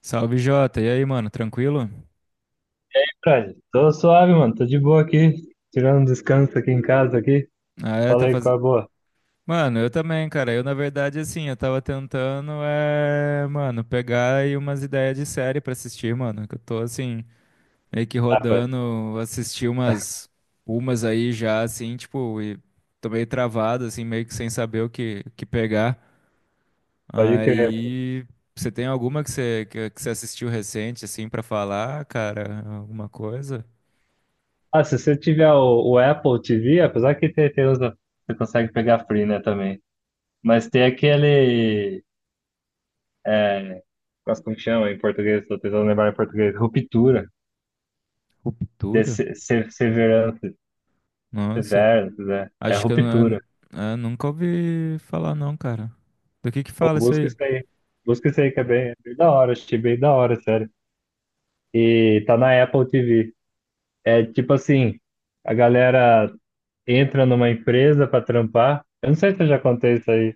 Salve, Jota. E aí, mano, tranquilo? Fred, tô suave, mano. Tô de boa aqui. Tirando um descanso aqui em casa aqui. Ah, é, tá Falei com fazendo. a boa. Mano, eu também, cara. Eu, na verdade, assim, eu tava tentando, mano, pegar aí umas ideias de série pra assistir, mano. Que eu tô, assim, meio que Ah, pô, rodando, assisti umas, umas aí já, assim, tipo, e tô meio travado, assim, meio que sem saber o que pegar. pode crer. Pô. Aí, você tem alguma que você, que você assistiu recente, assim, pra falar, cara? Alguma coisa? Ah, se você tiver o Apple TV, apesar que tem, tem usa, você consegue pegar free, né, também. Mas tem aquele. É, Nossa, como que chama em português? Tô tentando lembrar em português. Ruptura. De Ruptura? se- se- Severance. Nossa. Severance, né? É Acho que eu, não, ruptura. eu nunca ouvi falar, não, cara. Do que Pô, fala isso busca aí? isso aí. Busca isso aí que é bem da hora. Achei bem da hora, sério. E tá na Apple TV. É tipo assim, a galera entra numa empresa para trampar. Eu não sei se eu já contei isso aí.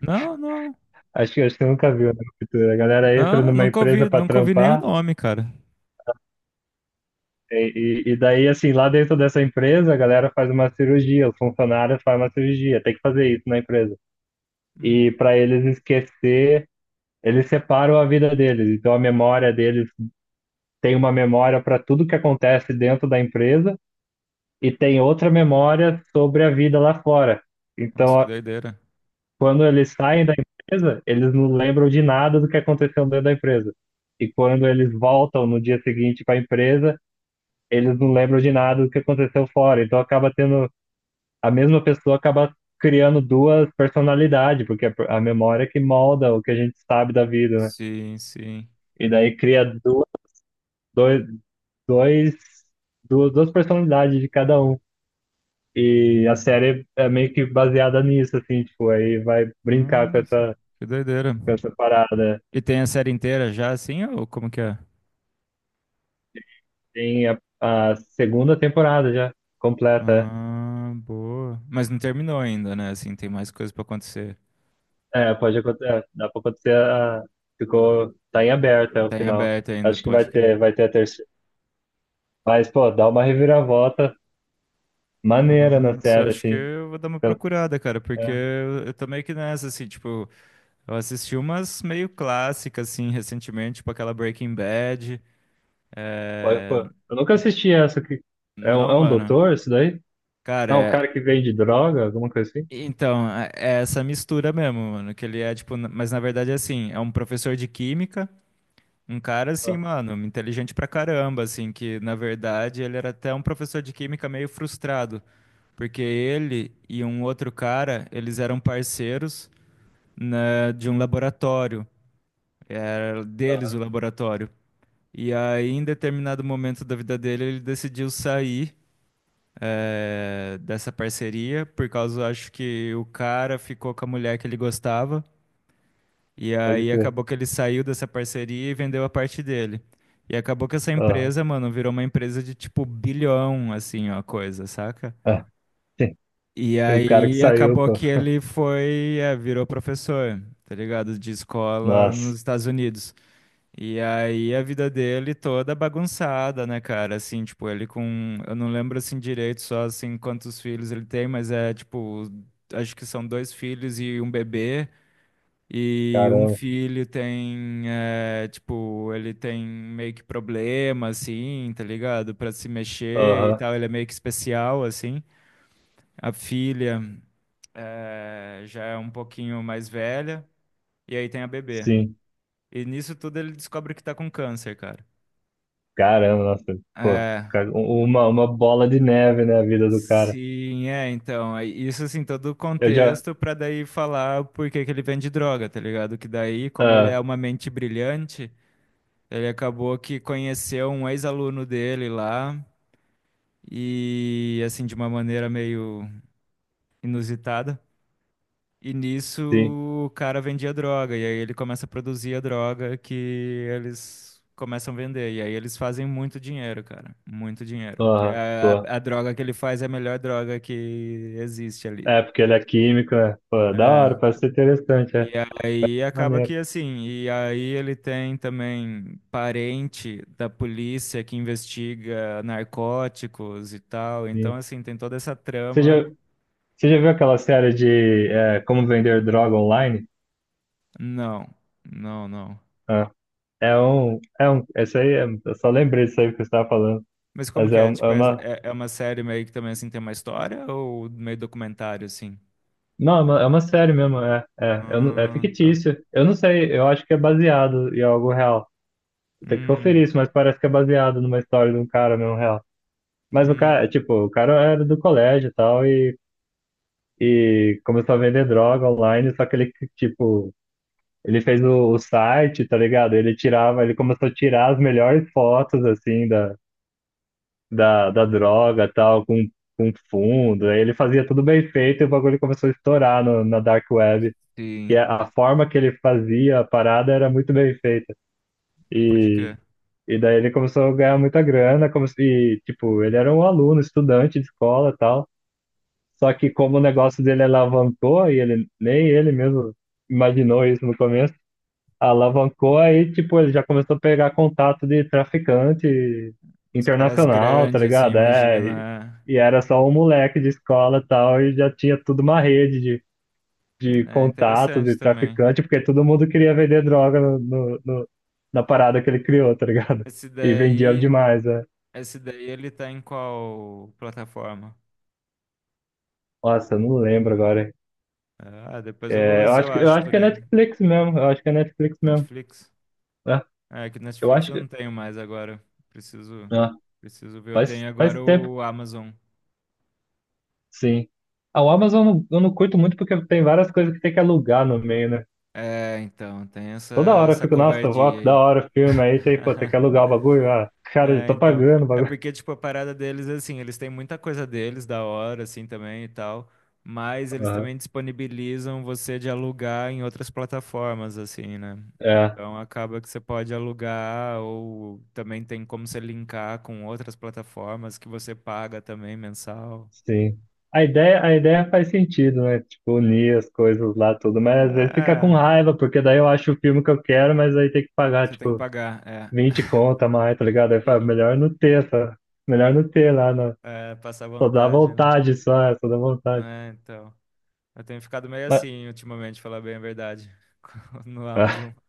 Não, não. Acho que eu nunca vi, né? Ruptura. A galera entra Não, numa nunca empresa ouvi, para nunca ouvi nem o trampar, nome, cara. e daí, assim, lá dentro dessa empresa, a galera faz uma cirurgia, os funcionários fazem uma cirurgia, tem que fazer isso na empresa. E Hum, para eles esquecer, eles separam a vida deles. Então, a memória deles tem uma memória para tudo que acontece dentro da empresa e tem outra memória sobre a vida lá fora. nossa, que Então, doideira. quando eles saem da empresa, eles não lembram de nada do que aconteceu dentro da empresa. E quando eles voltam no dia seguinte para a empresa, eles não lembram de nada do que aconteceu fora. Então acaba tendo, a mesma pessoa acaba criando duas personalidades, porque a memória é que molda o que a gente sabe da vida, né? Sim, sim. E daí cria duas, dois, dois, duas, duas personalidades de cada um. E a série é meio que baseada nisso, assim, tipo, aí vai brincar com Nossa, que doideira. com essa parada. E tem a série inteira já, assim, ou como que é? Tem a segunda temporada já completa. Ah, boa. Mas não terminou ainda, né? Assim, tem mais coisa pra acontecer. É, é, pode acontecer. É, dá pra acontecer. Ficou, tá em aberto é o Tá em final. aberto ainda, Acho que pode crer. Vai ter a terceira. Mas, pô, dá uma reviravolta maneira na Nossa, eu série, acho que assim. eu vou dar uma Pelo- procurada, cara, porque é, eu tô meio que nessa, assim, tipo. Eu assisti umas meio clássicas, assim, recentemente, tipo aquela Breaking Bad. pô, pô, É... eu nunca n- assisti essa aqui. Não, É um mano. doutor isso daí? Cara, Não, um é- cara que vende droga, alguma coisa assim? então, é essa mistura mesmo, mano. Que ele é, tipo, n- mas na verdade, assim, é um professor de química, um cara, assim, Ah, mano, inteligente pra caramba, assim, que na verdade ele era até um professor de química meio frustrado, porque ele e um outro cara, eles eram parceiros, né, de um laboratório, é, deles o laboratório. E aí, em determinado momento da vida dele, ele decidiu sair, dessa parceria, por causa, acho que o cara ficou com a mulher que ele gostava. E pode aí crer. acabou que ele saiu dessa parceria e vendeu a parte dele. E acabou que essa Aham. empresa, mano, virou uma empresa de tipo bilhão, assim, ó, coisa, saca? Ah, sim. E E o cara que aí saiu, acabou pô. que ele foi, é, virou professor, tá ligado? De escola nos Nossa, Estados Unidos. E aí a vida dele toda bagunçada, né, cara? Assim, tipo, ele com, eu não lembro assim direito só assim quantos filhos ele tem, mas é tipo, acho que são dois filhos e um bebê. E um caramba. filho tem, é, tipo, ele tem meio que problema, assim, tá ligado? Pra se mexer e Aham, tal, ele é meio que especial, assim. A filha, é, já é um pouquinho mais velha, e aí tem a bebê. sim. E nisso tudo ele descobre que tá com câncer, cara. Caramba, nossa, pô, É. Uma bola de neve, né, a vida do cara. Sim, é, então, é isso assim, todo o Eu já, contexto pra daí falar por que que ele vende droga, tá ligado? Que daí, como ele é ah, uma mente brilhante, ele acabou que conheceu um ex-aluno dele lá e assim de uma maneira meio inusitada. E nisso sim, o cara vendia droga e aí ele começa a produzir a droga que eles começam a vender e aí eles fazem muito dinheiro, cara, muito dinheiro. Que aham, pô, a droga que ele faz é a melhor droga que existe ali. é porque ele é químico, né, pô, da É, hora, parece ser interessante, e é, aí acaba maneiro, que assim, e aí ele tem também parente da polícia que investiga narcóticos e tal, então sim. assim, tem toda essa Você já, trama. você já viu aquela série de, é, Como Vender Droga Online? Não, não, não. Ah, essa aí, é, eu só lembrei disso aí que você estava falando, Mas como mas que é, é? um- é Tipo, uma, é uma série meio que também assim tem uma história ou meio documentário assim? não, é uma série mesmo, é, é, eu não- é Ah, tá. fictício, eu não sei, eu acho que é baseado em algo real. Tem que conferir Hum, isso, mas parece que é baseado numa história de um cara mesmo real. Mas o cara, hum, tipo, o cara era do colégio e tal, e começou a vender droga online, só que ele, tipo, ele fez o site, tá ligado? Ele começou a tirar as melhores fotos, assim, da droga e tal, com fundo. Aí ele fazia tudo bem feito e o bagulho começou a estourar no, na Dark Web. E sim, a forma que ele fazia a parada era muito bem feita. pode E, crer. e daí ele começou a ganhar muita grana, como se, tipo, ele era um aluno, estudante de escola e tal. Só que como o negócio dele alavancou, e ele nem ele mesmo imaginou isso no começo, alavancou aí, tipo, ele já começou a pegar contato de traficante Os caras internacional, tá grandes assim, ligado? É, imagina. e era só um moleque de escola e tal, e já tinha tudo uma rede de É, é contatos interessante e também. traficante, porque todo mundo queria vender droga na parada que ele criou, tá ligado? Esse E vendia daí. demais, né? Esse daí ele tá em qual plataforma? Nossa, eu não lembro agora. Ah, depois eu vou É, ver se eu eu acho acho por que é aí. Netflix mesmo, eu acho que é Netflix mesmo. Netflix? É, É, que eu Netflix acho eu não que. tenho mais agora. Preciso, Ah, preciso ver. Eu tenho faz agora tempo, o Amazon. sim. A Amazon eu não curto muito porque tem várias coisas que tem que alugar no meio, né? É, então, tem essa, Toda hora eu essa fico, nossa, ó, covardia que da aí. hora o filme, aí tem, pô, tem que alugar o bagulho, ah, cara, eu É, tô então. pagando o É bagulho. porque, tipo, a parada deles, assim, eles têm muita coisa deles, da hora, assim, também e tal. Mas eles Aham, também disponibilizam você de alugar em outras plataformas, assim, né? é, Então acaba que você pode alugar ou também tem como você linkar com outras plataformas que você paga também mensal. sim. A ideia faz sentido, né? Tipo, unir as coisas lá, tudo, mas às vezes fica com É, raiva, porque daí eu acho o filme que eu quero, mas aí tem que pagar, você tem que tipo, pagar, é. 20 conta a mais, tá ligado? Aí fala, Sim. melhor não melhor não ter lá, na- É, passar só dá vontade, né? vontade, só, é, só dá vontade. É, então. Eu tenho ficado meio Mas, assim ultimamente, falar bem a verdade, no Amazon.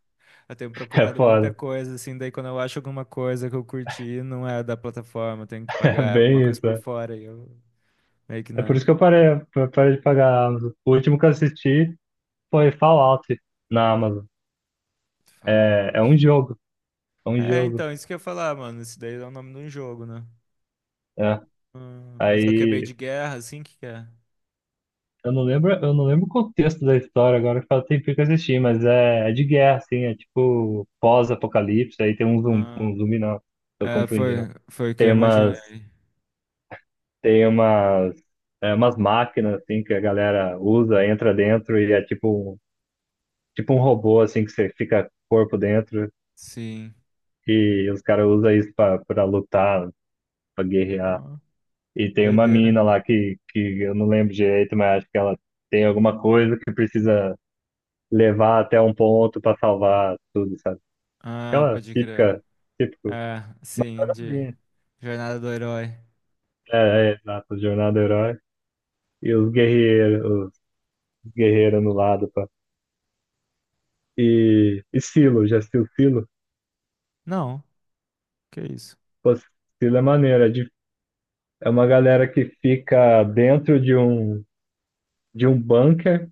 Eu tenho é procurado muita foda, coisa, assim, daí quando eu acho alguma coisa que eu curti, não é da plataforma, eu tenho que é pagar alguma bem coisa isso. por É, fora e eu meio que é por na isso que eu parei de pagar a Amazon. O último que eu assisti foi Fallout na Amazon. É, é um Fallout. jogo, é um É, jogo. então, isso que eu ia falar, mano, isso daí é o nome de um jogo, né? É. Ah, mas eu acabei Aí. de guerra, assim, que é? Eu não lembro o contexto da história agora, que faz tempo que eu assisti, mas é, é de guerra, assim, é tipo pós-apocalipse, aí tem Ah, um zumbi não, tô é, confundindo. Foi o que eu Tem umas, imaginei. tem umas, é, umas máquinas, assim, que a galera usa, entra dentro e é tipo, tipo um robô, assim, que você fica corpo dentro Sim. e os caras usam isso pra, pra lutar, pra guerrear. Ah, E tem uma doideira. mina lá que eu não lembro direito, mas acho que ela tem alguma coisa que precisa levar até um ponto para salvar tudo, sabe? Ah, Aquela pode crer. típica, típico. É, Mas sim, olha de ali. Jornada do Herói. É, é, exato, jornada do herói e os guerreiros no lado, pá. E Silo, já assistiu Silo? Não, que isso? Pô, Silo é maneiro, é, de- é uma galera que fica dentro de um bunker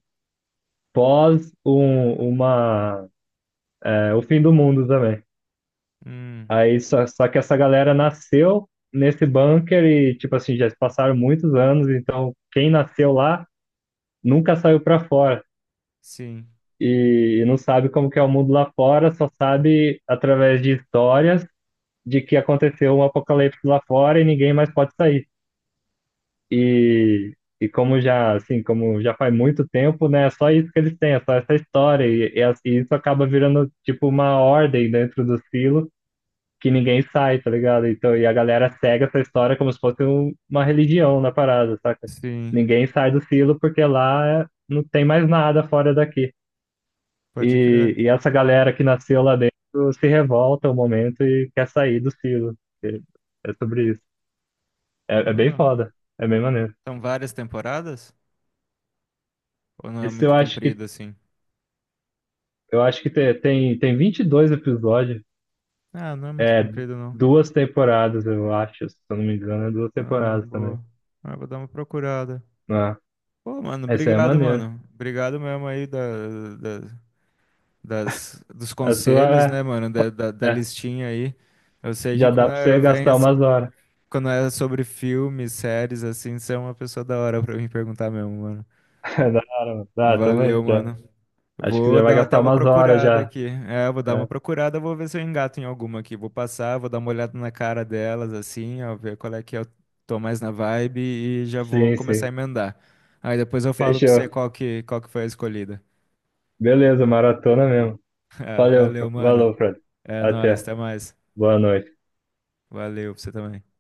pós um, uma, é, o fim do mundo também. Hum, Aí só, só que essa galera nasceu nesse bunker e, tipo assim, já se passaram muitos anos, então quem nasceu lá nunca saiu para fora sim, e não sabe como que é o mundo lá fora, só sabe através de histórias de que aconteceu um apocalipse lá fora e ninguém mais pode sair. E, e como já assim, como já faz muito tempo, né, é só isso que eles têm, é só essa história e, e isso acaba virando tipo uma ordem dentro do silo que ninguém sai, tá ligado? Então, e a galera segue essa história como se fosse uma religião na parada, saca? sim, Ninguém sai do silo porque lá não tem mais nada fora daqui. pode crer. E essa galera que nasceu lá dentro se revolta um momento e quer sair do silo. E é sobre isso. É, é bem Ah, foda. É bem maneiro. são várias temporadas? Ou não é Esse eu muito acho que, comprido assim? Tem, tem 22 episódios. Ah, não é muito É comprido não. duas temporadas, eu acho. Se eu não me engano, é duas Ah, temporadas também. boa. Ah, vou dar uma procurada. Ah, Pô, essa é maneiro. mano. Obrigado mesmo aí da- das, dos A sua conselhos, é, né, mano? Da é, listinha aí. Eu sei que já dá quando pra você eu venho gastar assim, umas horas. quando é sobre filmes, séries, assim, você é uma pessoa da hora pra mim perguntar mesmo, mano. Da hora, mano. Dá também Valeu, já. mano. Acho que Vou já vai dar até gastar uma umas horas procurada já. aqui. É, vou dar uma É, procurada, vou ver se eu engato em alguma aqui. Vou passar, vou dar uma olhada na cara delas, assim, ó, ver qual é que eu tô mais na vibe e já vou sim, começar sim. a emendar. Aí depois eu falo pra você Fechou. Qual que foi a escolhida. Beleza, maratona mesmo. Ah, Valeu, valeu, mano. valeu, Fred. É nóis, Até. até mais. Boa noite. Valeu pra você também.